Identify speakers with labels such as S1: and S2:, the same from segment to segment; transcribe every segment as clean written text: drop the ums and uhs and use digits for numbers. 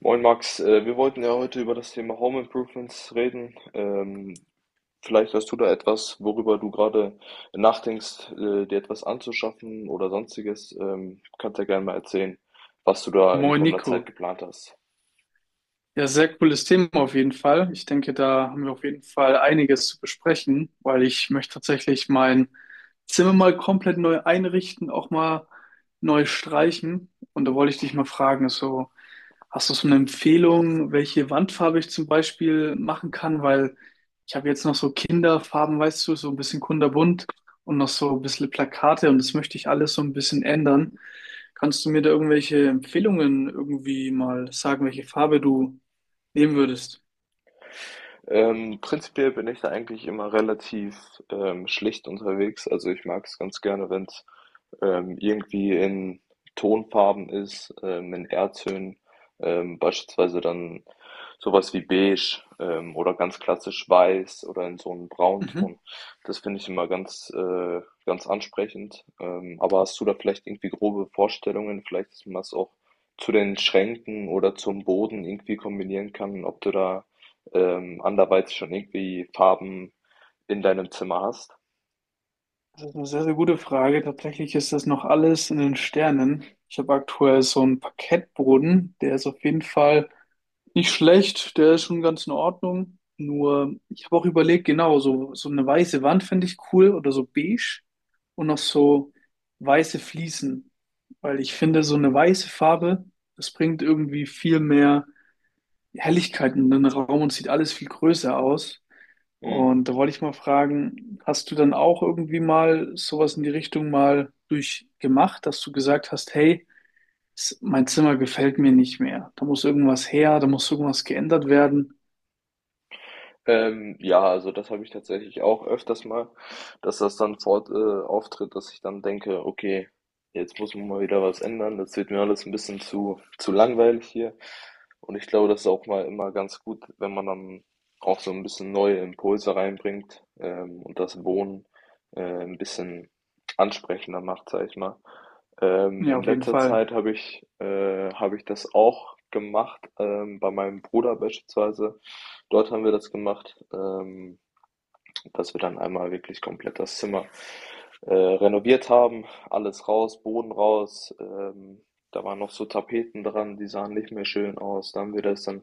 S1: Moin Max, wir wollten ja heute über das Thema Home Improvements reden. Vielleicht hast du da etwas, worüber du gerade nachdenkst, dir etwas anzuschaffen oder sonstiges. Kannst ja gerne mal erzählen, was du da in kommender Zeit
S2: Monaco,
S1: geplant hast.
S2: ja, sehr cooles Thema auf jeden Fall. Ich denke, da haben wir auf jeden Fall einiges zu besprechen, weil ich möchte tatsächlich mein Zimmer mal komplett neu einrichten, auch mal neu streichen. Und da wollte ich dich mal fragen, so, hast du so eine Empfehlung, welche Wandfarbe ich zum Beispiel machen kann? Weil ich habe jetzt noch so Kinderfarben, weißt du, so ein bisschen kunterbunt und noch so ein bisschen Plakate und das möchte ich alles so ein bisschen ändern. Kannst du mir da irgendwelche Empfehlungen irgendwie mal sagen, welche Farbe du nehmen würdest?
S1: Prinzipiell bin ich da eigentlich immer relativ schlicht unterwegs. Also ich mag es ganz gerne, wenn es irgendwie in Tonfarben ist, in Erdtönen, beispielsweise dann sowas wie beige oder ganz klassisch weiß oder in so einem
S2: Mhm.
S1: Braunton. Das finde ich immer ganz, ganz ansprechend. Aber hast du da vielleicht irgendwie grobe Vorstellungen? Vielleicht, dass man das auch zu den Schränken oder zum Boden irgendwie kombinieren kann, ob du da anderweitig schon irgendwie Farben in deinem Zimmer hast.
S2: Das ist eine sehr, sehr gute Frage. Tatsächlich ist das noch alles in den Sternen. Ich habe aktuell so einen Parkettboden, der ist auf jeden Fall nicht schlecht, der ist schon ganz in Ordnung. Nur, ich habe auch überlegt, genau, so, so eine weiße Wand finde ich cool oder so beige und noch so weiße Fliesen, weil ich finde, so eine weiße Farbe, das bringt irgendwie viel mehr Helligkeit in den Raum und sieht alles viel größer aus.
S1: Mhm.
S2: Und da wollte ich mal fragen, hast du dann auch irgendwie mal sowas in die Richtung mal durchgemacht, dass du gesagt hast, hey, mein Zimmer gefällt mir nicht mehr. Da muss irgendwas her, da muss irgendwas geändert werden.
S1: Ja, also das habe ich tatsächlich auch öfters mal, dass das dann auftritt, dass ich dann denke, okay, jetzt muss man mal wieder was ändern, das wird mir alles ein bisschen zu langweilig hier. Und ich glaube, das ist auch mal immer ganz gut, wenn man dann auch so ein bisschen neue Impulse reinbringt, und das Wohnen, ein bisschen ansprechender macht, sag ich mal. Ähm,
S2: Ja,
S1: in
S2: auf jeden
S1: letzter
S2: Fall.
S1: Zeit habe ich, äh, habe ich das auch gemacht, bei meinem Bruder beispielsweise. Dort haben wir das gemacht. Dass wir dann einmal wirklich komplett das Zimmer renoviert haben. Alles raus, Boden raus. Da waren noch so Tapeten dran, die sahen nicht mehr schön aus. Da haben wir das dann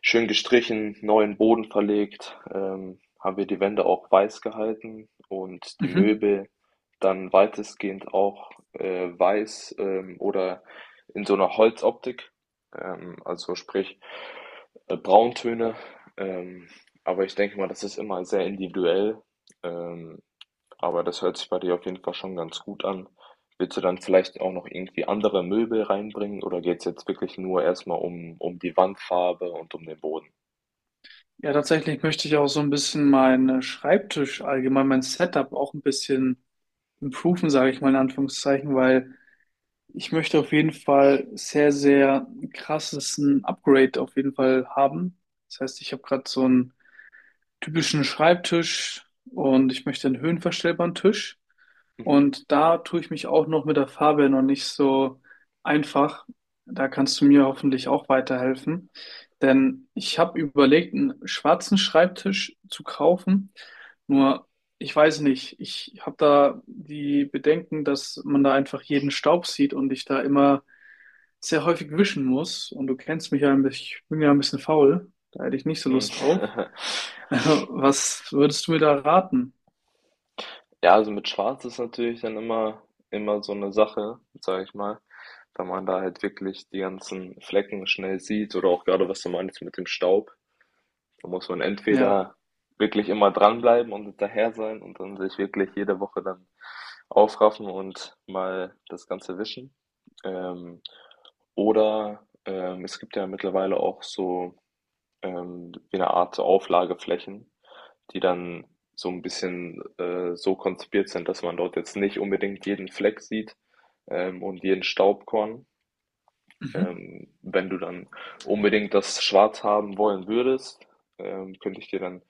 S1: schön gestrichen, neuen Boden verlegt, haben wir die Wände auch weiß gehalten und die
S2: Mhm.
S1: Möbel dann weitestgehend auch weiß oder in so einer Holzoptik. Also sprich Brauntöne. Ähm, aber ich denke mal, das ist immer sehr individuell. Ähm, aber das hört sich bei dir auf jeden Fall schon ganz gut an. Willst du dann vielleicht auch noch irgendwie andere Möbel reinbringen oder geht es jetzt wirklich nur erstmal um die Wandfarbe und um den Boden?
S2: Ja, tatsächlich möchte ich auch so ein bisschen meinen Schreibtisch allgemein, mein Setup auch ein bisschen improven, sage ich mal in Anführungszeichen, weil ich möchte auf jeden Fall sehr, sehr krasses ein Upgrade auf jeden Fall haben. Das heißt, ich habe gerade so ein typischen Schreibtisch und ich möchte einen höhenverstellbaren Tisch.
S1: Mhm.
S2: Und da tue ich mich auch noch mit der Farbe noch nicht so einfach. Da kannst du mir hoffentlich auch weiterhelfen. Denn ich habe überlegt, einen schwarzen Schreibtisch zu kaufen. Nur, ich weiß nicht, ich habe da die Bedenken, dass man da einfach jeden Staub sieht und ich da immer sehr häufig wischen muss. Und du kennst mich ja ein bisschen, ich bin ja ein bisschen faul. Da hätte ich nicht so
S1: Mhm.
S2: Lust drauf. Was würdest du mir da raten?
S1: Ja, also mit Schwarz ist natürlich dann immer so eine Sache, sage ich mal, weil man da halt wirklich die ganzen Flecken schnell sieht oder auch gerade was du meinst mit dem Staub. Da muss man
S2: Ja.
S1: entweder wirklich immer dranbleiben und hinterher sein und dann sich wirklich jede Woche dann aufraffen und mal das Ganze wischen. Ähm, oder es gibt ja mittlerweile auch so ähm, eine Art so Auflageflächen, die dann so ein bisschen so konzipiert sind, dass man dort jetzt nicht unbedingt jeden Fleck sieht und jeden Staubkorn,
S2: Mhm.
S1: wenn du dann unbedingt das Schwarz haben wollen würdest, könnte ich dir dann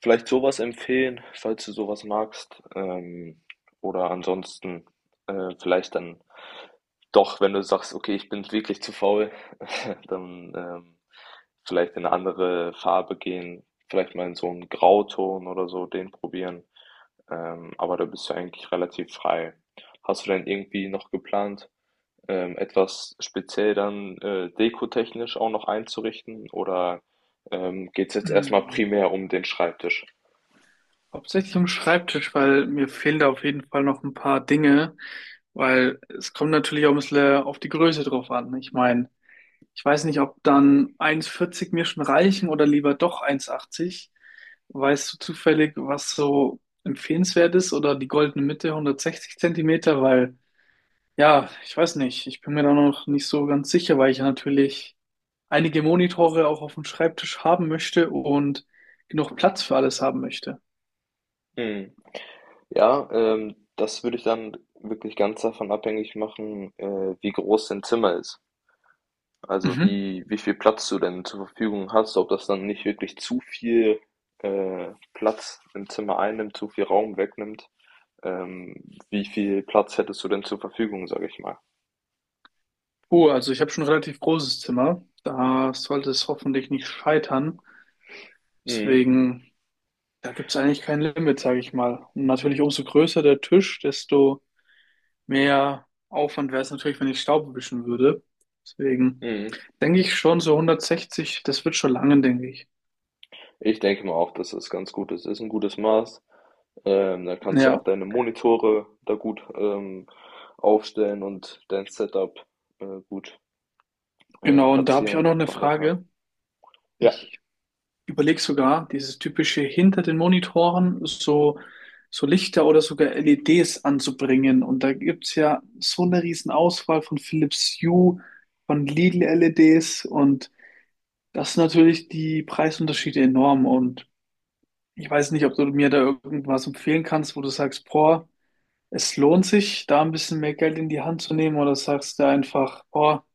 S1: vielleicht sowas empfehlen, falls du sowas magst. Oder ansonsten vielleicht dann doch, wenn du sagst, okay, ich bin wirklich zu faul, dann vielleicht in eine andere Farbe gehen, vielleicht mal in so einen Grauton oder so, den probieren. Aber da bist du eigentlich relativ frei. Hast du denn irgendwie noch geplant, etwas speziell dann dekotechnisch auch noch einzurichten oder geht es jetzt erstmal
S2: Hm.
S1: primär um den Schreibtisch?
S2: Hauptsächlich am Schreibtisch, weil mir fehlen da auf jeden Fall noch ein paar Dinge, weil es kommt natürlich auch ein bisschen auf die Größe drauf an. Ich meine, ich weiß nicht, ob dann 1,40 mir schon reichen oder lieber doch 1,80. Weißt du zufällig, was so empfehlenswert ist oder die goldene Mitte 160 Zentimeter? Weil, ja, ich weiß nicht, ich bin mir da noch nicht so ganz sicher, weil ich ja natürlich einige Monitore auch auf dem Schreibtisch haben möchte und genug Platz für alles haben möchte.
S1: Hm. Ja, das würde ich dann wirklich ganz davon abhängig machen, wie groß dein Zimmer ist. Also
S2: Mhm.
S1: wie viel Platz du denn zur Verfügung hast, ob das dann nicht wirklich zu viel äh, Platz im Zimmer einnimmt, zu viel Raum wegnimmt. Ähm, Wie viel Platz hättest du denn zur Verfügung, sage ich mal?
S2: Oh, also ich habe schon ein relativ großes Zimmer. Da sollte es hoffentlich nicht scheitern.
S1: Mhm.
S2: Deswegen, da gibt es eigentlich kein Limit, sage ich mal. Und natürlich, umso größer der Tisch, desto mehr Aufwand wäre es natürlich, wenn ich Staub wischen würde. Deswegen
S1: Mhm.
S2: denke ich schon, so 160, das wird schon lange, denke ich.
S1: Ich denke mal auch, dass das ganz gut ist. Ist ein gutes Maß. Da kannst du auch
S2: Ja,
S1: deine Monitore da gut, aufstellen und dein Setup, gut,
S2: genau. Und da habe ich auch
S1: platzieren.
S2: noch eine
S1: Von daher
S2: Frage.
S1: ja,
S2: Ich überlege sogar, dieses typische hinter den Monitoren so, so Lichter oder sogar LEDs anzubringen. Und da gibt's ja so eine riesen Auswahl von Philips Hue, von Lidl LEDs und das sind natürlich die Preisunterschiede enorm. Und ich weiß nicht, ob du mir da irgendwas empfehlen kannst, wo du sagst, boah, es lohnt sich, da ein bisschen mehr Geld in die Hand zu nehmen oder sagst du einfach, boah,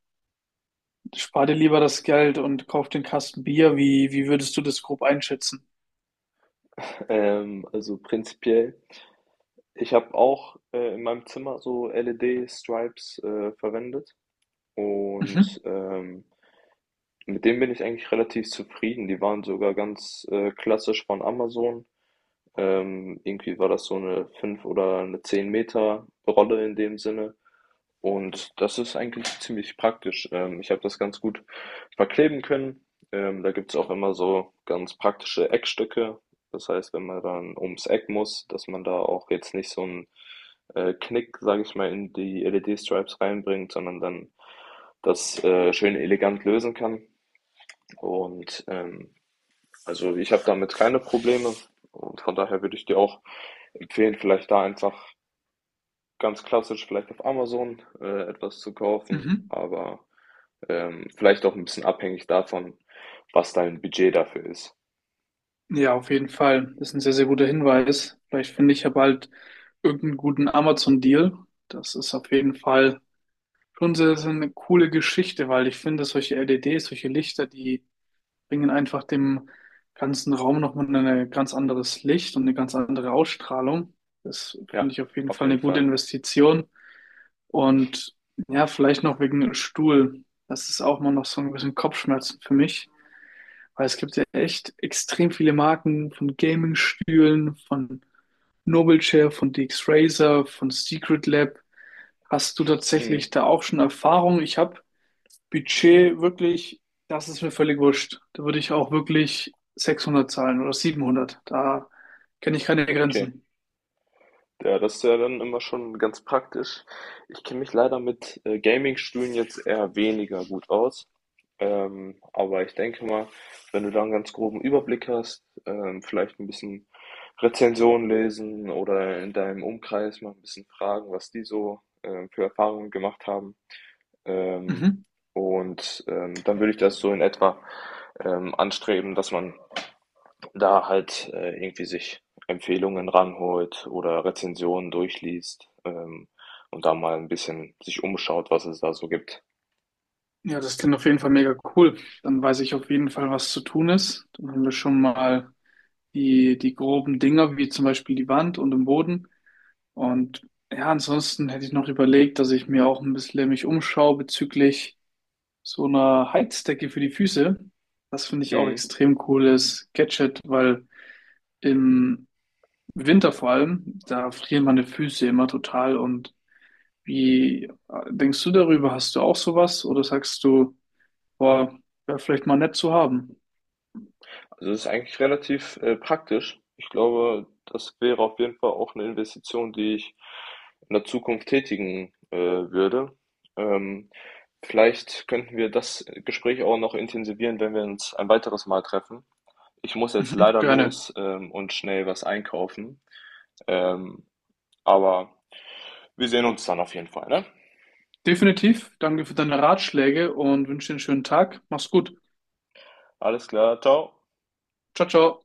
S2: spar dir lieber das Geld und kauf den Kasten Bier. Wie würdest du das grob einschätzen?
S1: also prinzipiell ich habe auch, in meinem Zimmer so LED-Stripes, verwendet
S2: Mhm.
S1: und mit denen bin ich eigentlich relativ zufrieden. Die waren sogar ganz, klassisch von Amazon. Irgendwie war das so eine fünf oder eine zehn Meter Rolle in dem Sinne und das ist eigentlich ziemlich praktisch. Ich habe das ganz gut verkleben können. Da gibt's auch immer so ganz praktische Eckstücke. Das heißt, wenn man dann ums Eck muss, dass man da auch jetzt nicht so 'n, Knick, sage ich mal, in die LED-Stripes reinbringt, sondern dann das, schön elegant lösen kann und also ich habe damit keine Probleme und von daher würde ich dir auch empfehlen, vielleicht da einfach ganz klassisch vielleicht auf Amazon etwas zu kaufen,
S2: Mhm.
S1: aber vielleicht auch ein bisschen abhängig davon, was dein Budget dafür ist.
S2: Ja, auf jeden Fall. Das ist ein sehr, sehr guter Hinweis. Vielleicht finde ich ja bald irgendeinen guten Amazon-Deal. Das ist auf jeden Fall schon sehr, sehr eine coole Geschichte, weil ich finde, solche LEDs, solche Lichter, die bringen einfach dem ganzen Raum nochmal ein ganz anderes Licht und eine ganz andere Ausstrahlung. Das finde
S1: Ja,
S2: ich auf jeden
S1: auf
S2: Fall
S1: jeden
S2: eine gute
S1: Fall.
S2: Investition. Und ja, vielleicht noch wegen Stuhl. Das ist auch mal noch so ein bisschen Kopfschmerzen für mich. Weil es gibt ja echt extrem viele Marken von Gaming-Stühlen, von Noble Chair, von DX Razer, von Secret Lab. Hast du
S1: Mhm.
S2: tatsächlich da auch schon Erfahrung? Ich habe Budget wirklich, das ist mir völlig wurscht. Da würde ich auch wirklich 600 zahlen oder 700. Da kenne ich keine
S1: Okay.
S2: Grenzen.
S1: Ja, das ist ja dann immer schon ganz praktisch. Ich kenne mich leider mit Gaming-Stühlen jetzt eher weniger gut aus. Aber ich denke mal, wenn du da einen ganz groben Überblick hast, vielleicht ein bisschen Rezensionen lesen oder in deinem Umkreis mal ein bisschen fragen, was die so für Erfahrungen gemacht haben. Ähm,
S2: Mhm.
S1: und dann würde ich das so in etwa anstreben, dass man da halt irgendwie sich Empfehlungen ranholt oder Rezensionen durchliest und da mal ein bisschen sich umschaut, was es da so gibt.
S2: Ja, das klingt auf jeden Fall mega cool. Dann weiß ich auf jeden Fall, was zu tun ist. Dann haben wir schon mal die groben Dinger, wie zum Beispiel die Wand und den Boden. Und ja, ansonsten hätte ich noch überlegt, dass ich mir auch ein bisschen mich umschaue bezüglich so einer Heizdecke für die Füße. Das finde ich auch
S1: Mhm.
S2: extrem cooles Gadget, weil im Winter vor allem, da frieren meine Füße immer total. Und wie denkst du darüber? Hast du auch sowas? Oder sagst du, boah, wäre vielleicht mal nett zu haben?
S1: Also das ist eigentlich relativ praktisch. Ich glaube, das wäre auf jeden Fall auch eine Investition, die ich in der Zukunft tätigen würde. Ähm, Vielleicht könnten wir das Gespräch auch noch intensivieren, wenn wir uns ein weiteres Mal treffen. Ich muss jetzt
S2: Mhm,
S1: leider
S2: gerne.
S1: los und schnell was einkaufen. Ähm, Aber wir sehen uns dann auf jeden Fall, ne?
S2: Definitiv. Danke für deine Ratschläge und wünsche dir einen schönen Tag. Mach's gut.
S1: Alles klar, ciao.
S2: Ciao, ciao.